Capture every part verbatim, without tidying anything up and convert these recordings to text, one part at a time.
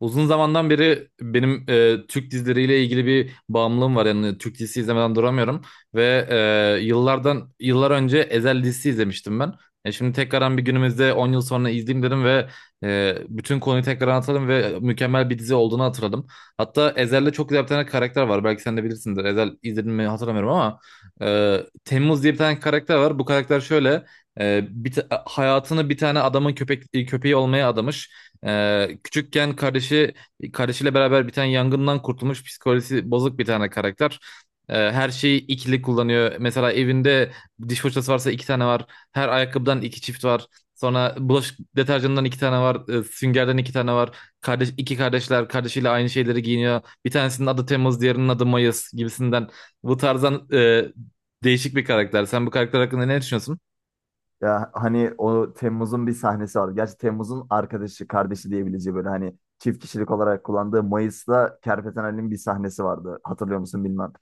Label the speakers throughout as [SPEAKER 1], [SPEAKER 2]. [SPEAKER 1] Uzun zamandan beri benim e, Türk dizileriyle ilgili bir bağımlılığım var. Yani Türk dizisi izlemeden duramıyorum ve e, yıllardan yıllar önce Ezel dizisi izlemiştim ben. E, şimdi tekrardan bir günümüzde on yıl sonra izleyeyim dedim ve e, bütün konuyu tekrar anlatalım ve mükemmel bir dizi olduğunu hatırladım. Hatta Ezel'de çok güzel bir tane karakter var. Belki sen de bilirsindir. Ezel izledin mi hatırlamıyorum ama e, Temmuz diye bir tane karakter var. Bu karakter şöyle e, bir ta- hayatını bir tane adamın köpek köpeği olmaya adamış. Ee, küçükken kardeşi kardeşiyle beraber bir tane yangından kurtulmuş psikolojisi bozuk bir tane karakter. Ee, her şeyi ikili kullanıyor. Mesela evinde diş fırçası varsa iki tane var. Her ayakkabıdan iki çift var. Sonra bulaşık deterjanından iki tane var. Ee, süngerden iki tane var. Kardeş, iki kardeşler kardeşiyle aynı şeyleri giyiniyor. Bir tanesinin adı Temmuz, diğerinin adı Mayıs gibisinden. Bu tarzdan e, değişik bir karakter. Sen bu karakter hakkında ne düşünüyorsun?
[SPEAKER 2] Ya hani o Temmuz'un bir sahnesi vardı. Gerçi Temmuz'un arkadaşı, kardeşi diyebileceği böyle hani çift kişilik olarak kullandığı Mayıs'ta Kerpeten Ali'nin bir sahnesi vardı. Hatırlıyor musun bilmem.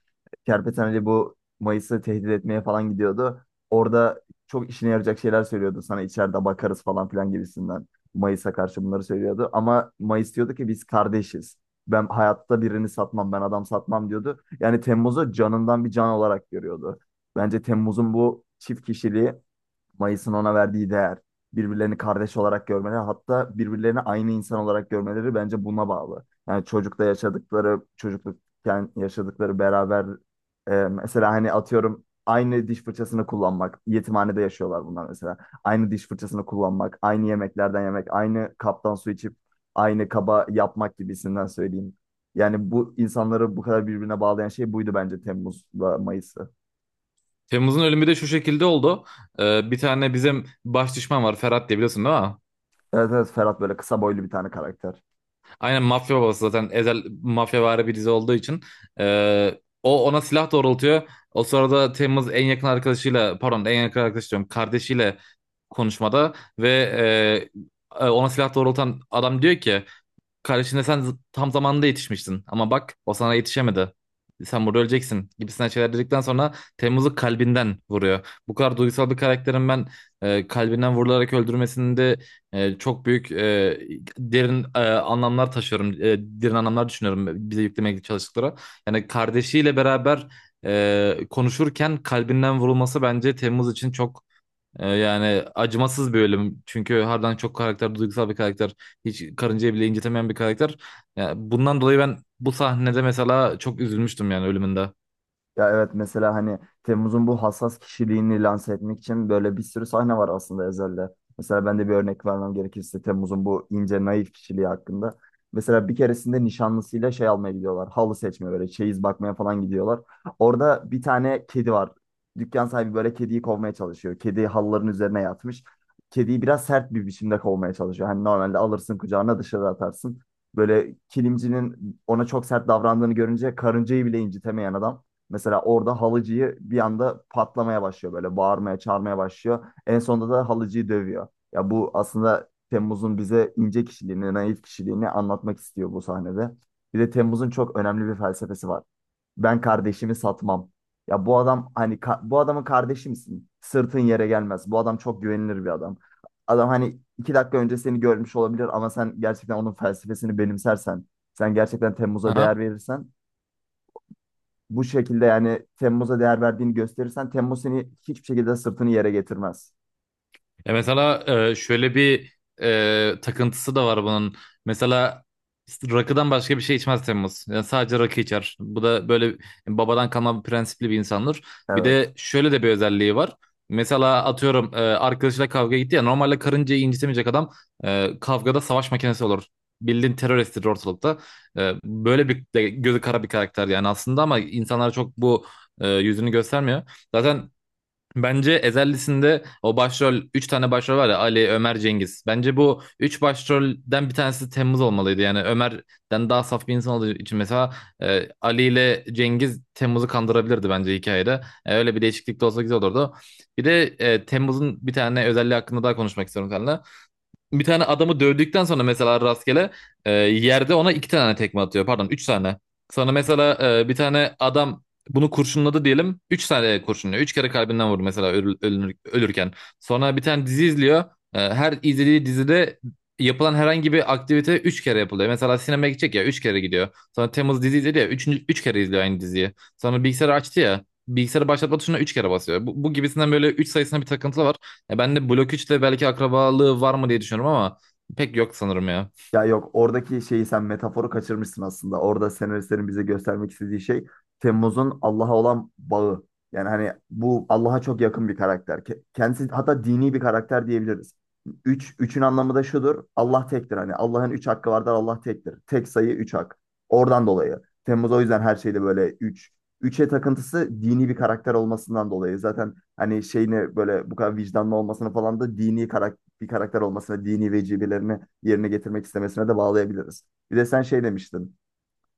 [SPEAKER 2] Kerpeten Ali bu Mayıs'ı tehdit etmeye falan gidiyordu. Orada çok işine yarayacak şeyler söylüyordu. Sana içeride bakarız falan filan gibisinden. Mayıs'a karşı bunları söylüyordu. Ama Mayıs diyordu ki biz kardeşiz. Ben hayatta birini satmam, ben adam satmam diyordu. Yani Temmuz'u canından bir can olarak görüyordu. Bence Temmuz'un bu çift kişiliği Mayıs'ın ona verdiği değer, birbirlerini kardeş olarak görmeleri, hatta birbirlerini aynı insan olarak görmeleri bence buna bağlı. Yani çocukta yaşadıkları, çocuklukken yaşadıkları beraber e, mesela hani atıyorum aynı diş fırçasını kullanmak, yetimhanede yaşıyorlar bunlar mesela. Aynı diş fırçasını kullanmak, aynı yemeklerden yemek, aynı kaptan su içip aynı kaba yapmak gibisinden söyleyeyim. Yani bu insanları bu kadar birbirine bağlayan şey buydu bence Temmuz'la Mayıs'ı.
[SPEAKER 1] Temmuz'un ölümü de şu şekilde oldu. Ee, bir tane bizim baş düşman var Ferhat diye biliyorsun değil mi?
[SPEAKER 2] Evet, evet, Ferhat böyle kısa boylu bir tane karakter.
[SPEAKER 1] Aynen mafya babası zaten ezel mafyavari bir dizi olduğu için. Ee, o ona silah doğrultuyor. O sırada Temmuz en yakın arkadaşıyla pardon en yakın arkadaş diyorum kardeşiyle konuşmada ve e, e, ona silah doğrultan adam diyor ki kardeşine sen z- tam zamanında yetişmiştin ama bak o sana yetişemedi. Sen burada öleceksin gibisinden şeyler dedikten sonra Temmuz'u kalbinden vuruyor. Bu kadar duygusal bir karakterin ben e, kalbinden vurularak öldürmesinde e, çok büyük e, derin e, anlamlar taşıyorum. E, derin anlamlar düşünüyorum bize yüklemeye çalıştıkları. Yani kardeşiyle beraber e, konuşurken kalbinden vurulması bence Temmuz için çok ee, yani acımasız bir ölüm. Çünkü harbiden çok karakter, duygusal bir karakter. Hiç karıncayı bile incitemeyen bir karakter. Yani bundan dolayı ben bu sahnede mesela çok üzülmüştüm yani ölümünde.
[SPEAKER 2] Ya evet, mesela hani Temmuz'un bu hassas kişiliğini lanse etmek için böyle bir sürü sahne var aslında Ezel'de. Mesela ben de bir örnek vermem gerekirse Temmuz'un bu ince naif kişiliği hakkında. Mesela bir keresinde nişanlısıyla şey almaya gidiyorlar. Halı seçmeye böyle çeyiz bakmaya falan gidiyorlar. Orada bir tane kedi var. Dükkan sahibi böyle kediyi kovmaya çalışıyor. Kedi halıların üzerine yatmış. Kediyi biraz sert bir biçimde kovmaya çalışıyor. Hani normalde alırsın kucağına dışarı atarsın. Böyle kilimcinin ona çok sert davrandığını görünce karıncayı bile incitemeyen adam, mesela orada halıcıyı bir anda patlamaya başlıyor böyle bağırmaya çağırmaya başlıyor. En sonunda da halıcıyı dövüyor. Ya bu aslında Temmuz'un bize ince kişiliğini, naif kişiliğini anlatmak istiyor bu sahnede. Bir de Temmuz'un çok önemli bir felsefesi var. Ben kardeşimi satmam. Ya bu adam hani ka- bu adamın kardeşi misin? Sırtın yere gelmez. Bu adam çok güvenilir bir adam. Adam hani iki dakika önce seni görmüş olabilir ama sen gerçekten onun felsefesini benimsersen, sen gerçekten Temmuz'a değer
[SPEAKER 1] Aha.
[SPEAKER 2] verirsen bu şekilde, yani Temmuz'a değer verdiğini gösterirsen Temmuz seni hiçbir şekilde sırtını yere getirmez.
[SPEAKER 1] Ya mesela e, şöyle bir e, takıntısı da var bunun. Mesela rakıdan başka bir şey içmez Temmuz. Yani sadece rakı içer. Bu da böyle yani babadan kalma bir prensipli bir insandır. Bir
[SPEAKER 2] Evet.
[SPEAKER 1] de şöyle de bir özelliği var. Mesela atıyorum e, arkadaşıyla kavga gitti ya normalde karıncayı incitemeyecek adam e, kavgada savaş makinesi olur. Bildiğin teröristtir ortalıkta. E, böyle bir de gözü kara bir karakter yani aslında ama insanlar çok bu e, yüzünü göstermiyor. Zaten bence Ezellisinde o başrol üç tane başrol var ya Ali, Ömer, Cengiz. Bence bu üç başrolden bir tanesi Temmuz olmalıydı. Yani Ömer'den daha saf bir insan olduğu için mesela e, Ali ile Cengiz Temmuz'u kandırabilirdi bence hikayede. E, öyle bir değişiklik de olsa güzel olurdu. Bir de e, Temmuz'un bir tane özelliği hakkında daha konuşmak istiyorum seninle bir tane adamı dövdükten sonra mesela rastgele e, yerde ona iki tane tekme atıyor. Pardon üç tane. Sana mesela e, bir tane adam bunu kurşunladı diyelim. Üç tane kurşunluyor. Üç kere kalbinden vurdu mesela ölü- ölünür- ölürken. Sonra bir tane dizi izliyor. E, her izlediği dizide yapılan herhangi bir aktivite üç kere yapılıyor. Mesela sinemaya gidecek ya üç kere gidiyor. Sonra Temmuz dizi izledi ya üçüncü, üç kere izliyor aynı diziyi. Sonra bilgisayarı açtı ya bilgisayarı başlatma tuşuna üç kere basıyor. Bu, bu gibisinden böyle üç sayısına bir takıntı var. Ya ben de Blok üçte belki akrabalığı var mı diye düşünüyorum ama pek yok sanırım ya.
[SPEAKER 2] Ya yok, oradaki şeyi sen metaforu kaçırmışsın aslında. Orada senaristlerin bize göstermek istediği şey Temmuz'un Allah'a olan bağı. Yani hani bu Allah'a çok yakın bir karakter. Ke- Kendisi hatta dini bir karakter diyebiliriz. Üç, üçün anlamı da şudur. Allah tektir. Hani Allah'ın üç hakkı vardır. Allah tektir. Tek sayı üç hak. Oradan dolayı. Temmuz o yüzden her şeyde böyle üç. Üçe takıntısı dini bir karakter olmasından dolayı. Zaten hani şeyini böyle bu kadar vicdanlı olmasını falan da dini karakter bir karakter olmasına, dini vecibelerini yerine getirmek istemesine de bağlayabiliriz. Bir de sen şey demiştin,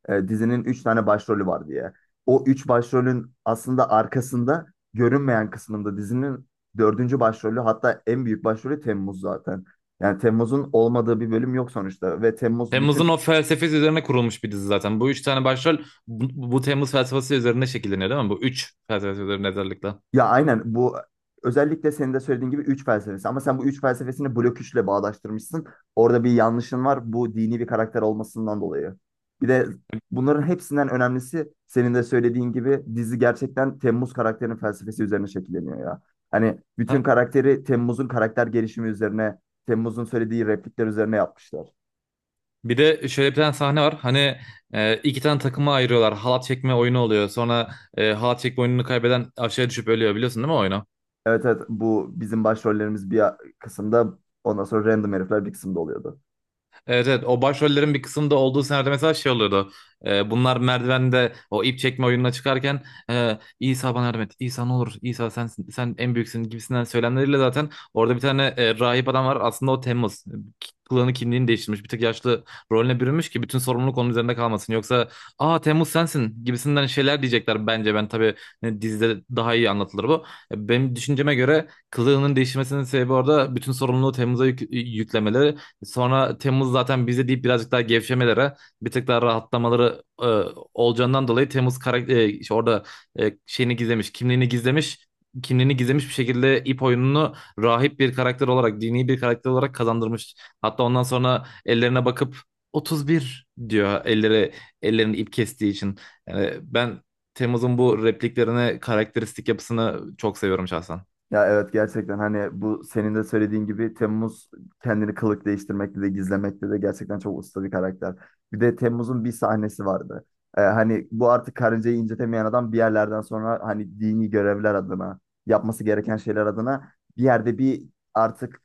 [SPEAKER 2] e, dizinin üç tane başrolü var diye. O üç başrolün aslında arkasında görünmeyen kısmında dizinin dördüncü başrolü, hatta en büyük başrolü Temmuz zaten. Yani Temmuz'un olmadığı bir bölüm yok sonuçta ve Temmuz
[SPEAKER 1] Temmuz'un
[SPEAKER 2] bütün.
[SPEAKER 1] o felsefesi üzerine kurulmuş bir dizi zaten. Bu üç tane başrol bu, bu Temmuz felsefesi üzerine şekilleniyor değil mi? Bu üç felsefesi üzerine özellikle.
[SPEAKER 2] Ya aynen, bu özellikle senin de söylediğin gibi üç felsefesi ama sen bu üç felsefesini blok üçle bağdaştırmışsın. Orada bir yanlışın var, bu dini bir karakter olmasından dolayı. Bir de bunların hepsinden önemlisi senin de söylediğin gibi dizi gerçekten Temmuz karakterinin felsefesi üzerine şekilleniyor ya. Hani bütün
[SPEAKER 1] Ha?
[SPEAKER 2] karakteri Temmuz'un karakter gelişimi üzerine, Temmuz'un söylediği replikler üzerine yapmışlar.
[SPEAKER 1] Bir de şöyle bir tane sahne var. Hani e, iki tane takıma ayırıyorlar. Halat çekme oyunu oluyor. Sonra e, halat çekme oyununu kaybeden aşağıya düşüp ölüyor. Biliyorsun değil mi o oyunu?
[SPEAKER 2] Evet, evet, bu bizim başrollerimiz bir kısımda, ondan sonra random herifler bir kısımda oluyordu.
[SPEAKER 1] Evet, evet, o başrollerin bir kısmında olduğu senaryoda mesela şey oluyordu. Ee, bunlar merdivende o ip çekme oyununa çıkarken e, İsa bana yardım et. İsa ne olur İsa sen sen en büyüksün gibisinden söylemleriyle zaten orada bir tane e, rahip adam var. Aslında o Temmuz. Kılığını kimliğini değiştirmiş. Bir tık yaşlı rolüne bürünmüş ki bütün sorumluluk onun üzerinde kalmasın. Yoksa aa Temmuz sensin gibisinden şeyler diyecekler bence. Ben tabii e, dizide daha iyi anlatılır bu. E, Benim düşünceme göre kılığının değişmesinin sebebi orada bütün sorumluluğu Temmuz'a yük- yüklemeleri. Sonra Temmuz zaten bize deyip birazcık daha gevşemelere, bir tık daha rahatlamaları e, olacağından dolayı Temmuz karakter e, işte orada e, şeyini gizlemiş, kimliğini gizlemiş. kimliğini gizlemiş bir şekilde ip oyununu rahip bir karakter olarak, dini bir karakter olarak kazandırmış. Hatta ondan sonra ellerine bakıp otuz bir diyor elleri ellerini ip kestiği için. Yani ben Temmuz'un bu repliklerine, karakteristik yapısını çok seviyorum şahsen.
[SPEAKER 2] Ya evet, gerçekten hani bu senin de söylediğin gibi Temmuz kendini kılık değiştirmekte de gizlemekte de gerçekten çok usta bir karakter. Bir de Temmuz'un bir sahnesi vardı. Ee, hani bu artık karıncayı incetemeyen adam bir yerlerden sonra hani dini görevler adına yapması gereken şeyler adına bir yerde bir artık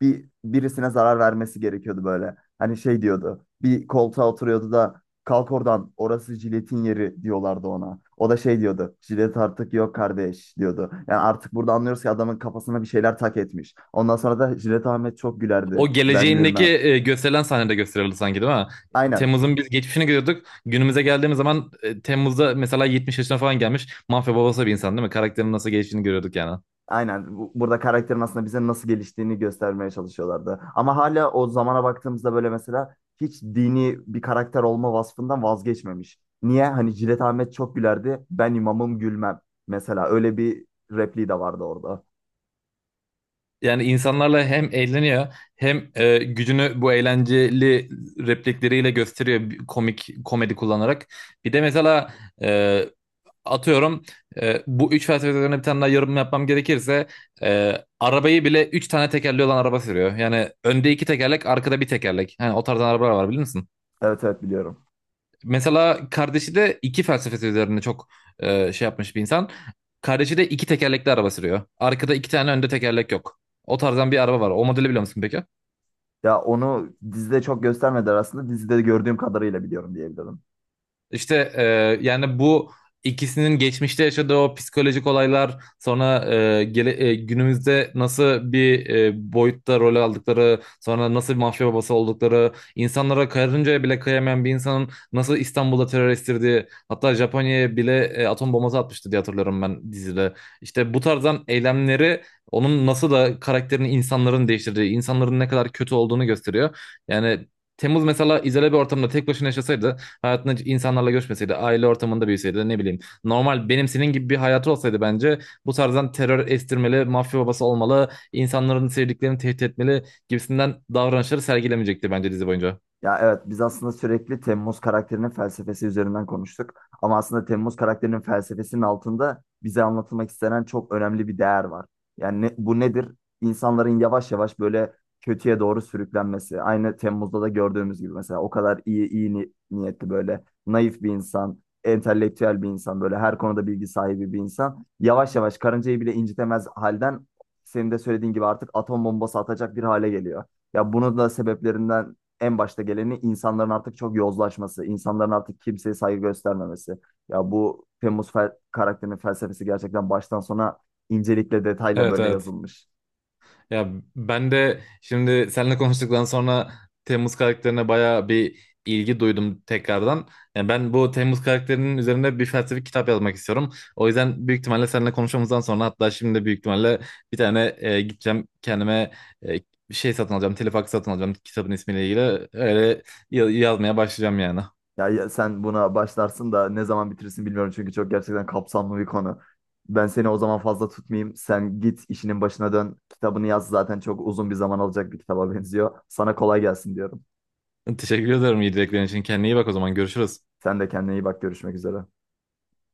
[SPEAKER 2] bir birisine zarar vermesi gerekiyordu böyle. Hani şey diyordu. Bir koltuğa oturuyordu da kalk oradan, orası jiletin yeri diyorlardı ona. O da şey diyordu. Jilet artık yok kardeş diyordu. Yani artık burada anlıyoruz ki adamın kafasına bir şeyler tak etmiş. Ondan sonra da Jilet Ahmet çok gülerdi.
[SPEAKER 1] O
[SPEAKER 2] Ben
[SPEAKER 1] geleceğindeki
[SPEAKER 2] gülmem.
[SPEAKER 1] e, gösterilen sahnede gösterildi sanki değil mi?
[SPEAKER 2] Aynen.
[SPEAKER 1] Temmuz'un biz geçmişini görüyorduk. Günümüze geldiğimiz zaman e, Temmuz'da mesela yetmiş yaşına falan gelmiş. Mafya babası bir insan değil mi? Karakterin nasıl geliştiğini görüyorduk yani.
[SPEAKER 2] Aynen. Bu- Burada karakterin aslında bize nasıl geliştiğini göstermeye çalışıyorlardı. Ama hala o zamana baktığımızda böyle mesela hiç dini bir karakter olma vasfından vazgeçmemiş. Niye? Hani Cilet Ahmet çok gülerdi. Ben imamım gülmem. Mesela öyle bir repliği de vardı orada.
[SPEAKER 1] Yani insanlarla hem eğleniyor hem e, gücünü bu eğlenceli replikleriyle gösteriyor bir komik komedi kullanarak. Bir de mesela e, atıyorum e, bu üç felsefe üzerine bir tane daha yorum yapmam gerekirse e, arabayı bile üç tane tekerli olan araba sürüyor. Yani önde iki tekerlek arkada bir tekerlek. Yani o tarzdan arabalar var bilir misin?
[SPEAKER 2] Evet, evet, biliyorum.
[SPEAKER 1] Mesela kardeşi de iki felsefesi üzerine çok e, şey yapmış bir insan. Kardeşi de iki tekerlekli araba sürüyor. Arkada iki tane önde tekerlek yok. O tarzdan bir araba var. O modeli biliyor musun peki?
[SPEAKER 2] Ya onu dizide çok göstermediler aslında. Dizide gördüğüm kadarıyla biliyorum diyebilirim.
[SPEAKER 1] İşte e, yani bu ikisinin geçmişte yaşadığı o psikolojik olaylar sonra e, gele- e, günümüzde nasıl bir e, boyutta rol aldıkları sonra nasıl bir mafya babası oldukları insanlara karıncaya bile kıyamayan bir insanın nasıl İstanbul'da terör estirdiği hatta Japonya'ya bile e, atom bombası atmıştı diye hatırlıyorum ben dizide. İşte bu tarzdan eylemleri onun nasıl da karakterini insanların değiştirdiği insanların ne kadar kötü olduğunu gösteriyor. Yani Temmuz mesela izole bir ortamda tek başına yaşasaydı hayatında hiç insanlarla görüşmeseydi, aile ortamında büyüseydi, ne bileyim. Normal benim senin gibi bir hayatı olsaydı bence bu tarzdan terör estirmeli, mafya babası olmalı, insanların sevdiklerini tehdit etmeli gibisinden davranışları sergilemeyecekti bence dizi boyunca.
[SPEAKER 2] Ya evet, biz aslında sürekli Temmuz karakterinin felsefesi üzerinden konuştuk. Ama aslında Temmuz karakterinin felsefesinin altında bize anlatılmak istenen çok önemli bir değer var. Yani ne- bu nedir? İnsanların yavaş yavaş böyle kötüye doğru sürüklenmesi. Aynı Temmuz'da da gördüğümüz gibi mesela o kadar iyi iyi ni- niyetli böyle naif bir insan, entelektüel bir insan, böyle her konuda bilgi sahibi bir insan yavaş yavaş karıncayı bile incitemez halden senin de söylediğin gibi artık atom bombası atacak bir hale geliyor. Ya bunun da sebeplerinden en başta geleni insanların artık çok yozlaşması, insanların artık kimseye saygı göstermemesi. Ya bu Temmuz fel- karakterinin felsefesi gerçekten baştan sona incelikle detayla
[SPEAKER 1] Evet,
[SPEAKER 2] böyle
[SPEAKER 1] evet.
[SPEAKER 2] yazılmış.
[SPEAKER 1] Ya ben de şimdi seninle konuştuktan sonra Temmuz karakterine bayağı bir ilgi duydum tekrardan. Yani ben bu Temmuz karakterinin üzerine bir felsefi kitap yazmak istiyorum. O yüzden büyük ihtimalle seninle konuşmamızdan sonra hatta şimdi de büyük ihtimalle bir tane e, gideceğim kendime e, bir şey satın alacağım. Telefaks satın alacağım kitabın ismiyle ilgili. Öyle ya- yazmaya başlayacağım yani.
[SPEAKER 2] Ya, ya sen buna başlarsın da ne zaman bitirsin bilmiyorum çünkü çok gerçekten kapsamlı bir konu. Ben seni o zaman fazla tutmayayım. Sen git işinin başına dön. Kitabını yaz, zaten çok uzun bir zaman alacak bir kitaba benziyor. Sana kolay gelsin diyorum.
[SPEAKER 1] Teşekkür ederim iyi dileklerin için. Kendine iyi bak o zaman görüşürüz.
[SPEAKER 2] Sen de kendine iyi bak, görüşmek üzere.